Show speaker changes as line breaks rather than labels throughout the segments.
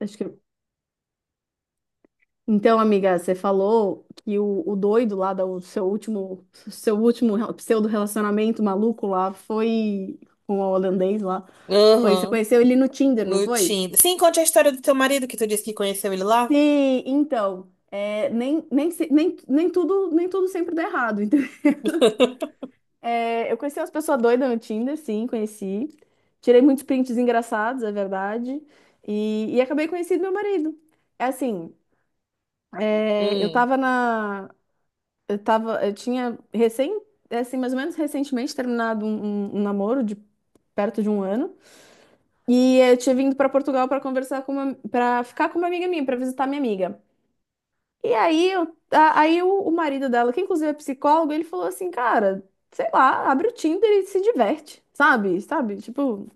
Acho que... Então, amiga, você falou que o doido lá do seu último, pseudo-relacionamento maluco lá foi com o holandês lá. Foi, você
Aham,
conheceu ele no Tinder, não
no
foi?
Tinder. Sim, conte a história do teu marido que tu disse que conheceu ele lá.
Sim, então, é, nem, nem, se- nem, nem tudo, nem tudo sempre dá errado, entendeu? É, eu conheci umas pessoas doidas no Tinder, sim, conheci. Tirei muitos prints engraçados, é verdade. E acabei conhecendo meu marido. É assim, é, eu
Hum,
tava na, Eu tava, eu tinha recém, é assim, mais ou menos recentemente terminado um namoro de perto de um ano. E eu tinha vindo para Portugal para ficar com uma amiga minha, para visitar minha amiga. E aí, eu, a- aí o marido dela, que inclusive é psicólogo, ele falou assim, cara, sei lá, abre o Tinder e se diverte, sabe? Sabe? Tipo,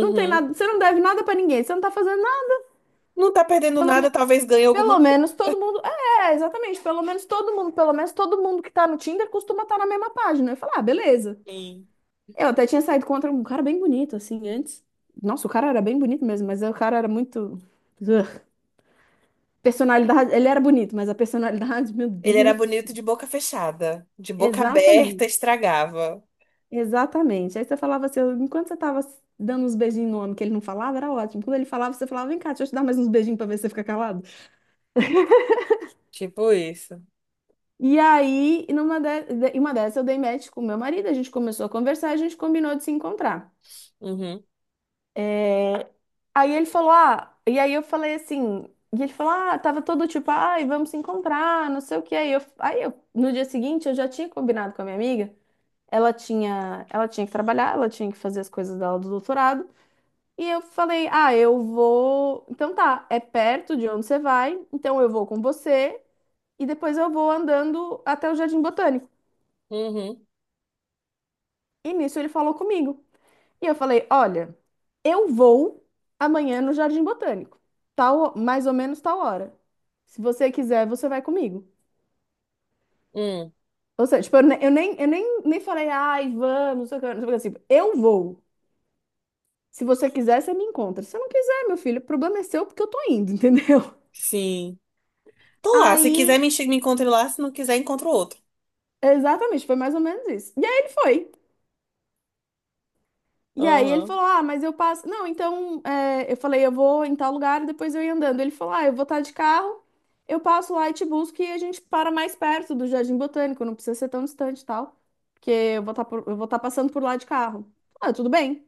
não tem nada, você não deve nada para ninguém, você não tá fazendo nada.
Não tá perdendo
Pelo
nada,
menos,
talvez ganhe alguma
pelo
coisa.
menos todo mundo, é, exatamente, pelo menos todo mundo, pelo menos todo mundo que tá no Tinder costuma estar na mesma página. Eu falei, ah, beleza.
Sim.
Eu até tinha saído contra um cara bem bonito, assim, antes. Nossa, o cara era bem bonito mesmo, mas o cara era muito. Ugh. Personalidade. Ele era bonito, mas a personalidade, meu
Ele era
Deus.
bonito de boca fechada. De boca aberta,
Exatamente.
estragava.
Exatamente. Aí você falava assim, enquanto você tava dando uns beijinhos no homem que ele não falava, era ótimo. Quando ele falava, você falava, vem cá, deixa eu te dar mais uns beijinhos pra ver se você fica calado.
Tipo isso.
E aí, em uma dessas, eu dei match com o meu marido, a gente começou a conversar e a gente combinou de se encontrar.
Uhum,
É, Aí ele falou, ah, e aí eu falei assim, e ele falou, ah, tava todo tipo, ai, vamos se encontrar, não sei o que. Aí eu, no dia seguinte, eu já tinha combinado com a minha amiga, ela tinha que trabalhar, ela tinha que fazer as coisas dela do doutorado, e eu falei, ah, eu vou, então tá, é perto de onde você vai, então eu vou com você, e depois eu vou andando até o Jardim Botânico.
uhum,
E nisso ele falou comigo. E eu falei: olha, eu vou amanhã no Jardim Botânico, tal, mais ou menos tal hora. Se você quiser, você vai comigo.
hum.
Ou seja, tipo, eu nem falei, ai, vamos, não sei o que, não sei o que, assim, eu vou. Se você quiser, você me encontra. Se você não quiser, meu filho, o problema é seu porque eu tô indo, entendeu?
Sim. Tô lá. Se quiser,
Aí,
me encontre lá. Se não quiser, encontro outro.
exatamente, foi mais ou menos isso. E aí ele foi. E aí ele
Aham,
falou: Ah, mas eu passo. Não, então é, eu falei: Eu vou em tal lugar e depois eu ia andando. Ele falou: Ah, eu vou estar de carro, eu passo lá e te busco e a gente para mais perto do Jardim Botânico, não precisa ser tão distante e tal, porque eu vou estar passando por lá de carro. Ah, tudo bem.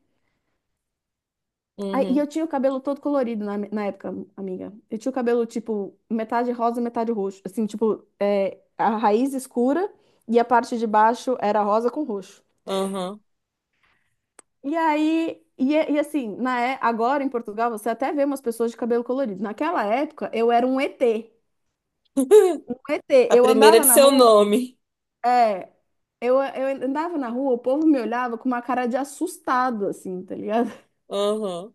Aí, e
uhum,
eu tinha o cabelo todo colorido na época, amiga. Eu tinha o cabelo tipo metade rosa, metade roxo. Assim, tipo, é, a raiz escura e a parte de baixo era rosa com roxo.
aham.
E aí, e, é- e assim, na, é- Agora em Portugal você até vê umas pessoas de cabelo colorido. Naquela época eu era um ET. Um ET.
A
Eu
primeira
andava
de
na
seu
rua,
nome.
é, eu andava na rua, o povo me olhava com uma cara de assustado, assim, tá ligado?
Aham.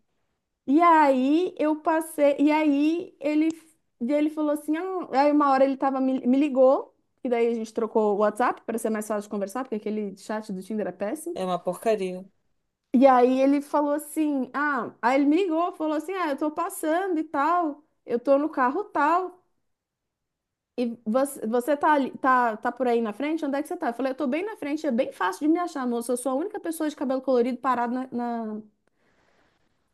E aí eu passei, e aí ele, e ele falou assim, ah, aí uma hora ele me ligou, e daí a gente trocou o WhatsApp para ser mais fácil de conversar, porque aquele chat do Tinder é péssimo.
É uma porcaria.
E aí ele falou assim, ah, aí ele me ligou, falou assim, ah, eu tô passando e tal, eu tô no carro tal, e você, você tá por aí na frente? Onde é que você tá? Eu falei, eu tô bem na frente, é bem fácil de me achar, moço, eu sou a única pessoa de cabelo colorido parada na, na-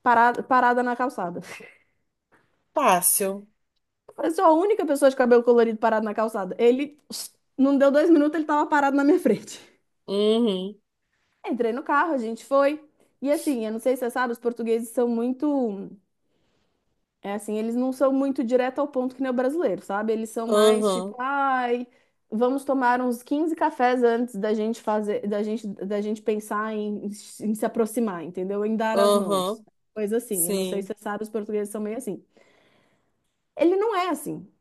parada, parada na calçada.
Fácil.
Eu falei, sou a única pessoa de cabelo colorido parada na calçada. Ele, não deu dois minutos, ele tava parado na minha frente.
Uhum.
Entrei no carro, a gente foi, e assim, eu não sei se você sabe, os portugueses são muito... É assim, eles não são muito direto ao ponto que nem o brasileiro, sabe? Eles são mais
Aham,
tipo, ai, vamos tomar uns 15 cafés antes da gente fazer, da gente pensar em, em se aproximar, entendeu? Em dar as mãos.
aham,
Coisa assim. Eu não sei se
sim.
você sabe, os portugueses são meio assim. Ele não é assim.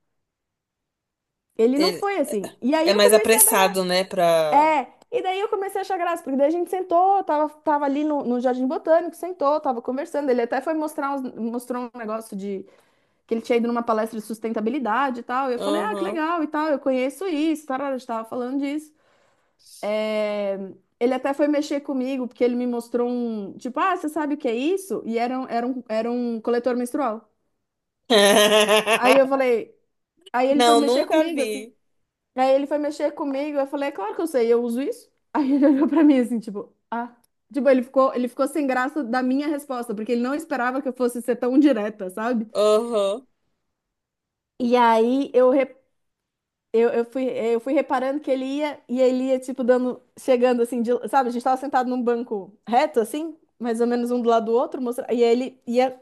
Ele não
Ele
foi assim. E aí
é
eu
mais
comecei a dar graça.
apressado, né, pra...
É, e daí eu comecei a achar graça, porque daí a gente sentou, tava ali no Jardim Botânico, sentou, tava conversando. Ele até mostrou um negócio que ele tinha ido numa palestra de sustentabilidade e tal. E eu falei, ah, que
Aham.
legal e tal, eu conheço isso, tarara, a gente tava falando disso. É, Ele até foi mexer comigo, porque ele me mostrou um, tipo, ah, você sabe o que é isso? Era um coletor menstrual. Aí eu falei, aí ele foi
Não,
mexer
nunca
comigo, assim.
vi.
Aí ele foi mexer comigo, eu falei, é claro que eu sei, eu uso isso. Aí ele olhou pra mim assim, tipo, ah. Tipo, ele ficou sem graça da minha resposta, porque ele não esperava que eu fosse ser tão direta, sabe?
Aham,
E aí eu, re- eu fui reparando que ele ia e ele ia, tipo, dando, chegando assim, de- sabe? A gente tava sentado num banco reto, assim, mais ou menos um do lado do outro, mostra, e aí ele ia,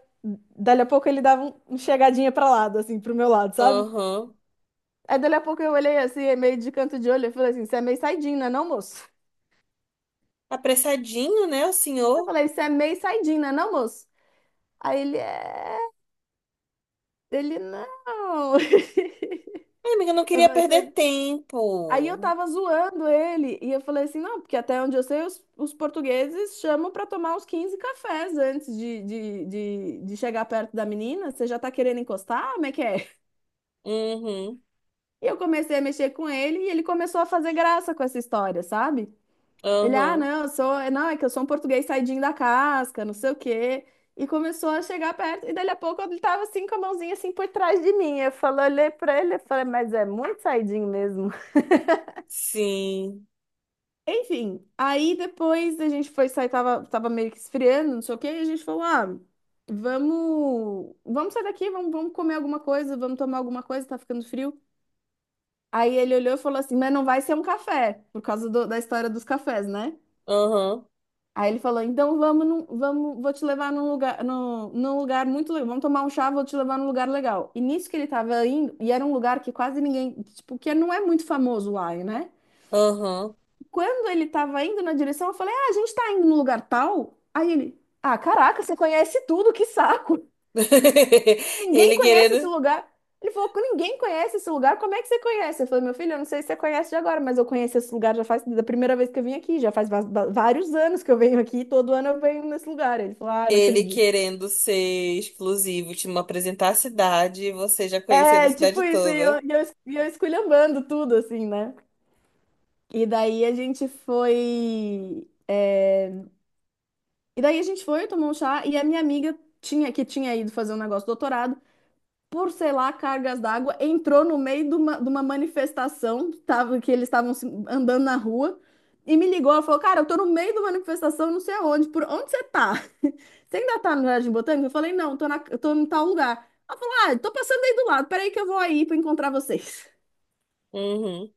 dali a pouco ele dava um chegadinha pra lado, assim, pro meu lado, sabe?
aham.
Aí dali a pouco eu olhei assim, é meio de canto de olho, eu falei assim: você é meio saidinho, né, não, moço?
Apressadinho, né, o
Eu
senhor?
falei: você é meio saidinho, né, não, moço? Aí ele é. Ele não.
Ai, amiga, eu não
Eu
queria
falei:
perder
Aí eu
tempo.
tava zoando ele e eu falei assim: não, porque até onde eu sei, os portugueses chamam pra tomar uns 15 cafés antes de chegar perto da menina. Você já tá querendo encostar? Como é que é?
Uhum,
E eu comecei a mexer com ele e ele começou a fazer graça com essa história, sabe? Ele, ah,
aham,
não, eu sou, não, é que eu sou um português saidinho da casca, não sei o quê. E começou a chegar perto e dali a pouco ele tava assim com a mãozinha assim por trás de mim. Eu falei, olhei pra ele e falei: mas é muito saidinho mesmo.
sim.
Enfim, aí depois a gente foi sair, tava meio que esfriando, não sei o quê, e a gente falou, ah, vamos sair daqui, vamos comer alguma coisa, vamos tomar alguma coisa, tá ficando frio. Aí ele olhou e falou assim, mas não vai ser um café, por causa da história dos cafés, né?
Aham,
Aí ele falou, então vamos, vamos, vou te levar num lugar, num lugar muito legal, vamos tomar um chá, vou te levar num lugar legal. E nisso que ele tava indo, e era um lugar que quase ninguém, tipo, que não é muito famoso lá, né?
aham.
Quando ele tava indo na direção, eu falei: Ah, a gente tá indo no lugar tal. Aí ele: Ah, caraca, você conhece tudo, que saco! Ninguém
Ele
conhece esse
querendo...
lugar. Ele falou: Ninguém conhece esse lugar, como é que você conhece? Eu falei: Meu filho, eu não sei se você conhece de agora, mas eu conheço esse lugar já faz da primeira vez que eu vim aqui, já faz vários anos que eu venho aqui, todo ano eu venho nesse lugar. Ele falou: Ah, não
Ele
acredito.
querendo ser exclusivo, te apresentar a cidade e você já conhecendo a
É, tipo
cidade
isso, e
toda.
eu, e eu, e eu esculhambando tudo, assim, né? E daí a gente foi. É, E daí a gente foi, tomou um chá, e a minha amiga que tinha ido fazer um negócio de doutorado, por, sei lá, cargas d'água, entrou no meio de uma manifestação, tava, que eles estavam andando na rua, e me ligou, ela falou, cara, eu tô no meio de uma manifestação, não sei aonde, por onde você tá? Você ainda tá no Jardim Botânico? Eu falei, não, eu tô em tal lugar. Ela falou, ah, tô passando aí do lado, peraí que eu vou aí pra encontrar vocês.
Uhum.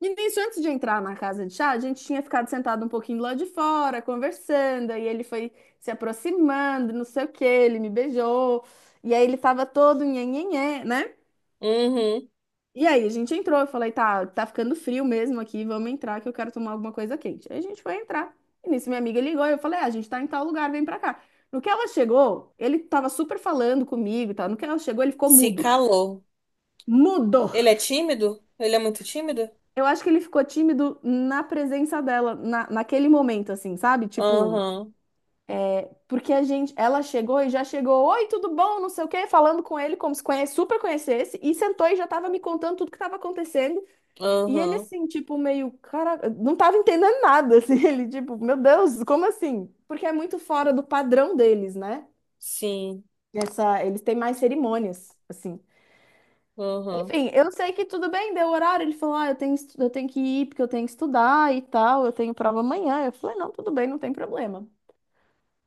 E nisso, antes de entrar na casa de chá, a gente tinha ficado sentado um pouquinho lá de fora, conversando, e ele foi se aproximando, não sei o quê, ele me beijou, e aí ele tava todo nhenhenhé, né?
Uhum.
E aí a gente entrou, eu falei, tá, tá ficando frio mesmo aqui, vamos entrar que eu quero tomar alguma coisa quente. Aí a gente foi entrar, e nisso minha amiga ligou, e eu falei, ah, a gente tá em tal lugar, vem pra cá. No que ela chegou, ele tava super falando comigo e tal, no que ela chegou, ele ficou
Se
mudo.
calou.
Mudo!
Ele é tímido? Ele é muito tímido?
Eu acho que ele ficou tímido na presença dela, naquele momento, assim, sabe? Tipo,
Aham,
porque a gente, ela chegou e já chegou, oi, tudo bom, não sei o quê, falando com ele como se conhe- super conhecesse, e sentou e já tava me contando tudo que tava acontecendo. E ele,
aham,
assim, tipo, meio, cara, não tava entendendo nada, assim, ele, tipo, meu Deus, como assim? Porque é muito fora do padrão deles, né?
sim,
Essa, eles têm mais cerimônias, assim.
aham.
Enfim, eu sei que tudo bem, deu horário. Ele falou: ah, eu tenho que ir porque eu tenho que estudar e tal, eu tenho prova amanhã. Eu falei: não, tudo bem, não tem problema.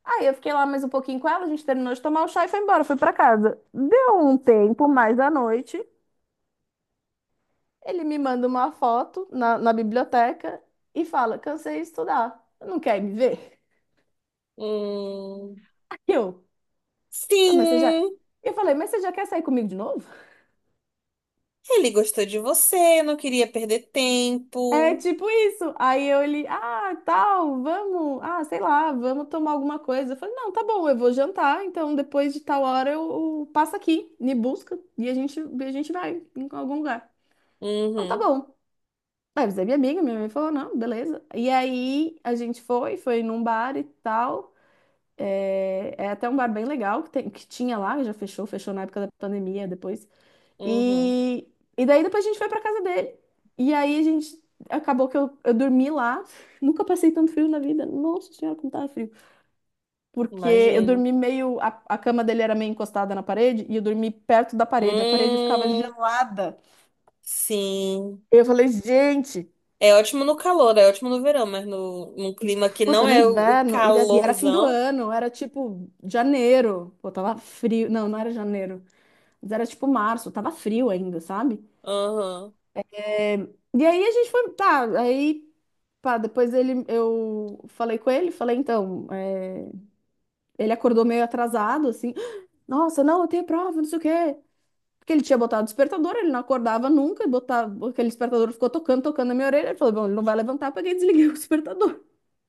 Aí eu fiquei lá mais um pouquinho com ela, a gente terminou de tomar o chá e foi embora, foi pra casa. Deu um tempo mais da noite, ele me manda uma foto na biblioteca e fala: cansei de estudar, não quer me ver?
Hum,
E eu, "ah, mas você já."
sim,
Eu falei: mas você já quer sair comigo de novo?
ele gostou de você, não queria perder
É
tempo.
tipo isso. Aí eu ele, ah, tal, vamos, ah, sei lá, vamos tomar alguma coisa. Eu falei, não, tá bom, eu vou jantar, então depois de tal hora eu passo aqui, me busca e a gente vai em algum lugar. Não, tá
Uhum,
bom. Aí você é minha amiga, minha mãe falou, não, beleza. E aí a gente foi, foi num bar e tal. É até um bar bem legal que, tem, que tinha lá, já fechou, fechou na época da pandemia depois.
uhum,
E, e daí depois a gente foi pra casa dele. E aí a gente acabou que eu dormi lá. Nunca passei tanto frio na vida. Nossa senhora, como tava frio. Porque eu
imagino.
dormi meio. A cama dele era meio encostada na parede e eu dormi perto da parede. A parede ficava
Hum,
gelada.
sim.
Eu falei, gente,
É ótimo no calor, é ótimo no verão, mas num clima que
puta,
não
no
é o
inverno. E era fim do
calorzão.
ano, era tipo janeiro. Pô, tava frio. Não, não era janeiro. Mas era tipo março, tava frio ainda, sabe?
Aham,
É, e aí a gente foi, tá, aí, pá, depois ele, eu falei com ele, falei, então, é, ele acordou meio atrasado, assim, nossa, não, eu tenho prova, não sei o quê. Porque ele tinha botado o despertador, ele não acordava nunca, botava, aquele despertador ficou tocando, tocando na minha orelha, ele falou, bom, ele não vai levantar, porque eu peguei e desliguei o despertador.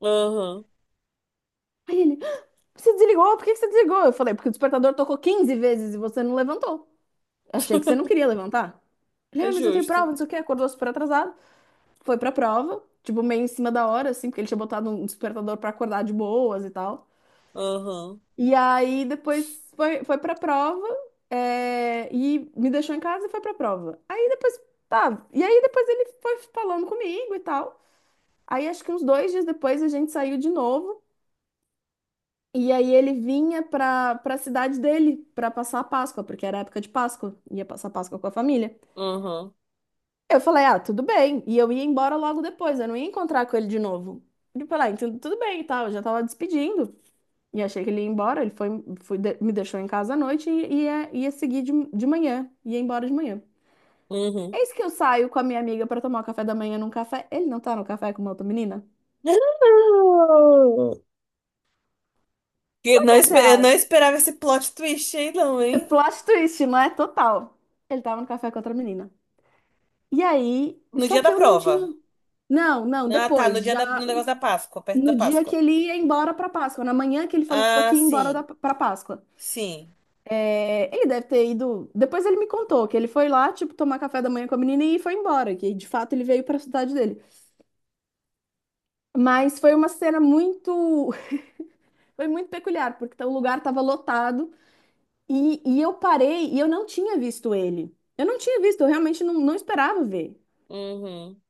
aham,
Aí ele, você desligou, por que que você desligou? Eu falei, porque o despertador tocou 15 vezes e você não levantou. Achei que você não queria levantar. Ele,
é
ah, mas eu tenho prova,
justo.
não sei o quê, acordou super atrasado. Foi pra prova, tipo, meio em cima da hora, assim, porque ele tinha botado um despertador pra acordar de boas e tal.
Aham,
E aí depois foi, foi pra prova, é, e me deixou em casa e foi pra prova. Aí depois, tá, e aí depois ele foi falando comigo e tal. Aí acho que uns 2 dias depois a gente saiu de novo. E aí ele vinha pra cidade dele pra passar a Páscoa, porque era época de Páscoa, ia passar a Páscoa com a família.
aham.
Eu falei, ah, tudo bem. E eu ia embora logo depois, eu não ia encontrar com ele de novo. Ele falou, ah, então tudo bem e tal, eu já tava despedindo. E achei que ele ia embora, ele foi, foi de- me deixou em casa à noite e ia seguir de manhã, ia embora de manhã.
Uhum.
Eis que eu saio com a minha amiga pra tomar o café da manhã num café. Ele não tá no café com uma outra menina?
Não! Que
Só
não,
que
espe- eu não esperava esse plot twist aí, não,
é
hein?
plot twist, não é? Total. Ele tava no café com outra menina. E aí,
No
só
dia da
que eu não
prova.
tinha. Não, não,
Ah, tá, no
depois,
dia da,
já.
no negócio da Páscoa, perto da
No dia que
Páscoa.
ele ia embora para Páscoa, na manhã que ele falou
Ah,
que ia embora
sim,
para Páscoa.
sim.
É, ele deve ter ido. Depois ele me contou que ele foi lá, tipo, tomar café da manhã com a menina e foi embora, que de fato ele veio para a cidade dele. Mas foi uma cena muito. Foi muito peculiar, porque o lugar estava lotado e eu parei e eu não tinha visto ele. Eu não tinha visto, eu realmente não esperava ver.
Uhum,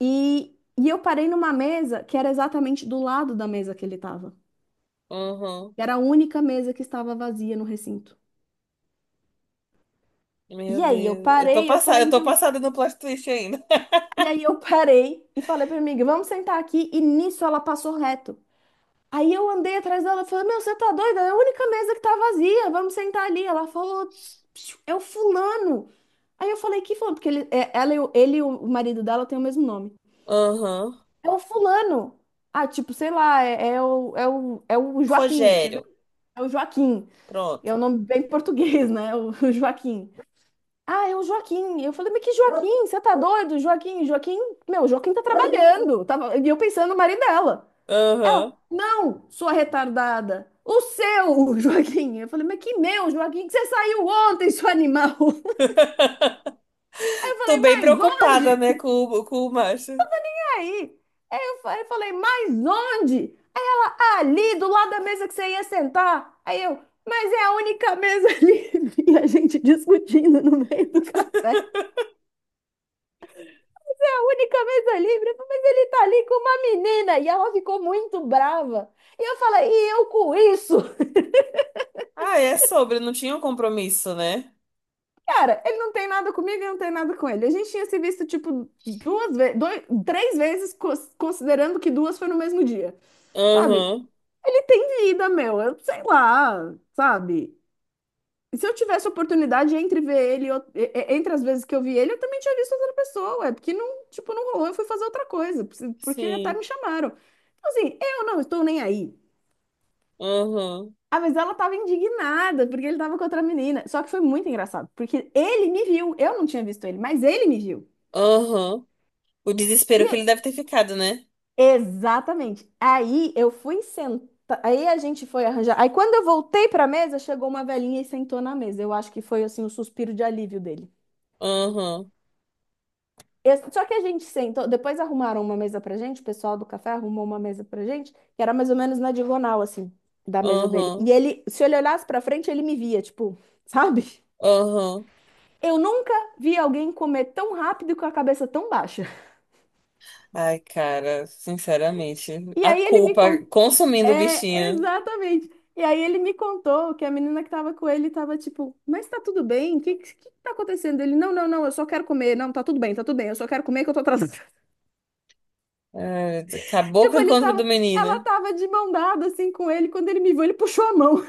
E eu parei numa mesa que era exatamente do lado da mesa que ele estava.
uhum.
Era a única mesa que estava vazia no recinto.
Meu
E aí eu
Deus,
parei, eu falei,
eu tô
então.
passada no plot twist ainda.
E aí eu parei e falei pra minha amiga, vamos sentar aqui. E nisso ela passou reto. Aí eu andei atrás dela e falei, meu, você tá doida? É a única mesa que tá vazia, vamos sentar ali. Ela falou, "psiu, é o fulano." Aí eu falei, que fulano? Porque ele, ela, ele e o marido dela têm o mesmo nome.
Uhum.
É o fulano. Ah, tipo, sei lá, é o Joaquim, entendeu?
Rogério,
É o Joaquim. É um
pronto.
nome bem português, né? O Joaquim. Ah, é o Joaquim. Eu falei, mas que Joaquim? Você tá doido? Joaquim, Joaquim, meu, Joaquim tá trabalhando. Tava, e eu pensando no marido dela. Ela,
Uhum.
não, sua retardada. O seu, Joaquim. Eu falei, mas que meu, Joaquim, que você saiu ontem, seu animal. Aí eu
Tô
falei,
bem
mas
preocupada, né,
onde?
com o Márcio.
E aí eu falei, mas onde? Ali, do lado da mesa que você ia sentar. Aí eu, mas é a única mesa livre. E a gente discutindo no meio do café. A única mesa livre, mas ele tá ali com uma menina. E ela ficou muito brava. E eu falei, e eu com isso?
Ah, é sobre, não tinha um compromisso, né?
Cara, ele não tem nada comigo e não tem nada com ele. A gente tinha se visto, tipo, 2 vezes, dois, 3 vezes, considerando que duas foi no mesmo dia. Sabe?
Uhum,
Ele tem vida, meu. Eu sei lá, sabe? E se eu tivesse oportunidade entre ver ele, entre as vezes que eu vi ele, eu também tinha visto outra pessoa. É porque não, tipo, não rolou, eu fui fazer outra coisa, porque até
sim,
me chamaram. Então, assim, eu não estou nem aí.
uhum.
Ah, mas ela tava indignada, porque ele tava com outra menina. Só que foi muito engraçado, porque ele me viu. Eu não tinha visto ele, mas ele me viu.
Aham. O
E
desespero que
eu-
ele deve ter ficado, né?
Exatamente. Aí eu fui sentar. Aí a gente foi arranjar. Aí quando eu voltei pra mesa, chegou uma velhinha e sentou na mesa. Eu acho que foi assim o suspiro de alívio dele.
Aham,
Só que a gente sentou. Depois arrumaram uma mesa pra gente, o pessoal do café arrumou uma mesa pra gente, que era mais ou menos na diagonal, assim, da mesa dele. E
aham,
ele, se ele olhasse pra frente, ele me via, tipo, sabe?
aham.
Eu nunca vi alguém comer tão rápido e com a cabeça tão baixa.
Ai, cara, sinceramente,
E
a
aí ele me
culpa
contou.
consumindo o
É,
bichinho.
exatamente. E aí ele me contou que a menina que tava com ele tava tipo, mas tá tudo bem? O que, que tá acontecendo? Ele, não, não, não, eu só quero comer. Não, tá tudo bem, eu só quero comer que eu tô atrasada.
Ai, acabou com
Tipo,
o
ele
encontro do
tava. Ela
menino.
tava de mão dada assim com ele. Quando ele me viu, ele puxou a mão.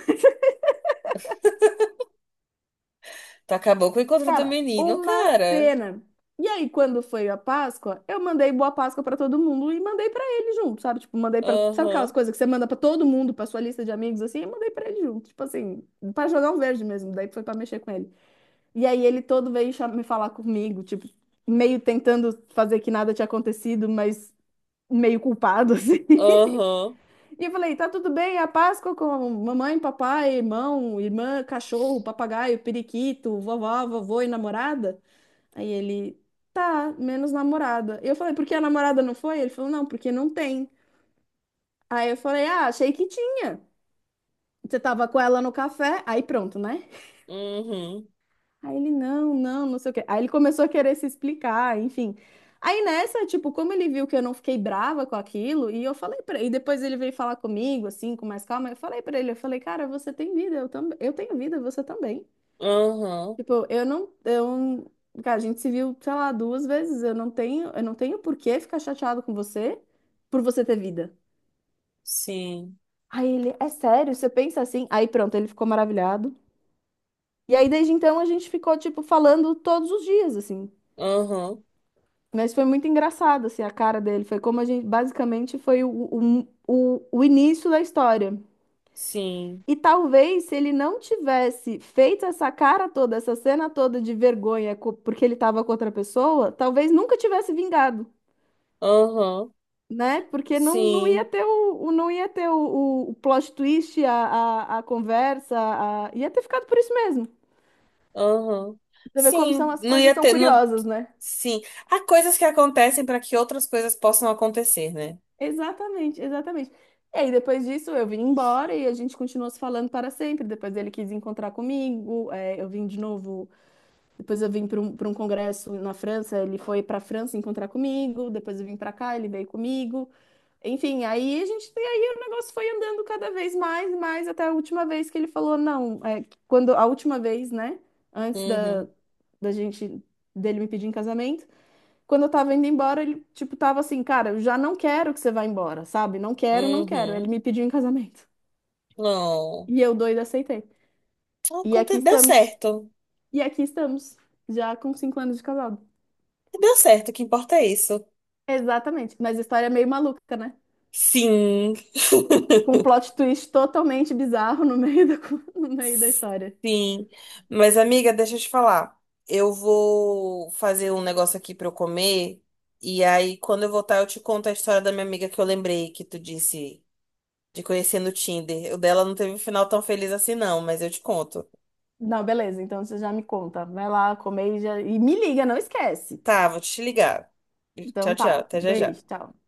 Tu acabou com o encontro do
Cara,
menino,
uma
cara.
cena. E aí, quando foi a Páscoa, eu mandei boa Páscoa pra todo mundo e mandei pra ele junto, sabe? Tipo, mandei pra. Sabe aquelas
Aham,
coisas que você manda pra todo mundo, pra sua lista de amigos assim, eu mandei pra ele junto, tipo assim, pra jogar um verde mesmo, daí foi pra mexer com ele. E aí ele todo veio me falar comigo, tipo, meio tentando fazer que nada tinha acontecido, mas meio culpado assim.
aham,
E eu falei, tá tudo bem, é a Páscoa com mamãe, papai, irmão, irmã, cachorro, papagaio, periquito, vovó, vovô e namorada? Aí ele, tá, menos namorada. E eu falei, por que a namorada não foi? Ele falou, não, porque não tem. Aí eu falei, ah, achei que tinha. Você tava com ela no café? Aí pronto, né?
uhum,
Aí ele, não, não, não sei o quê. Aí ele começou a querer se explicar, enfim. Aí nessa, tipo, como ele viu que eu não fiquei brava com aquilo, e eu falei pra ele, e depois ele veio falar comigo, assim, com mais calma, eu falei pra ele, eu falei, cara, você tem vida, eu também, eu tenho vida, você também.
aham,
Tipo, eu não, eu, cara, a gente se viu, sei lá, 2 vezes. Eu não tenho por que ficar chateado com você por você ter vida.
sim,
Aí ele, é sério? Você pensa assim? Aí pronto, ele ficou maravilhado. E aí desde então a gente ficou tipo falando todos os dias assim.
aham,
Mas foi muito engraçado assim a cara dele, foi como a gente basicamente foi o início da história.
sim,
E talvez se ele não tivesse feito essa cara toda, essa cena toda de vergonha porque ele estava com outra pessoa, talvez nunca tivesse vingado.
aham,
Né? Porque não ia
sim.
ter não ia ter o plot twist, a conversa, ia ter ficado por isso mesmo.
Aham.
Você vê como são
Sim,
as
não
coisas
ia
são
ter. Não...
curiosas, né?
Sim. Há coisas que acontecem para que outras coisas possam acontecer, né?
Exatamente, exatamente. E aí, depois disso, eu vim embora e a gente continuou se falando para sempre. Depois ele quis encontrar comigo, é, eu vim de novo. Depois eu vim para um congresso na França, ele foi para a França encontrar comigo. Depois eu vim para cá, ele veio comigo. Enfim, aí a gente, e aí o negócio foi andando cada vez mais, mais até a última vez que ele falou, não, é, quando a última vez, né, antes
Uhum.
da gente dele me pedir em casamento, quando eu tava indo embora, ele tipo tava assim, cara, eu já não quero que você vá embora, sabe? Não quero, não quero. Ele
Uhum.
me pediu em casamento.
Não.
E eu doida aceitei. E aqui
Aconte... Deu
estamos.
certo.
E aqui estamos, já com 5 anos de casado.
Deu certo, o que importa é isso.
Exatamente, mas a história é meio maluca, né?
Sim.
Com um plot twist totalmente bizarro no meio da história.
Sim. Mas, amiga, deixa eu te falar. Eu vou fazer um negócio aqui pra eu comer. E aí, quando eu voltar, eu te conto a história da minha amiga que eu lembrei que tu disse de conhecer no Tinder. O dela não teve um final tão feliz assim, não, mas eu te conto.
Não, beleza. Então você já me conta. Vai lá comer e, já, e me liga, não esquece.
Tá, vou te ligar. Tchau,
Então
tchau.
tá.
Até já já.
Beijo, tchau.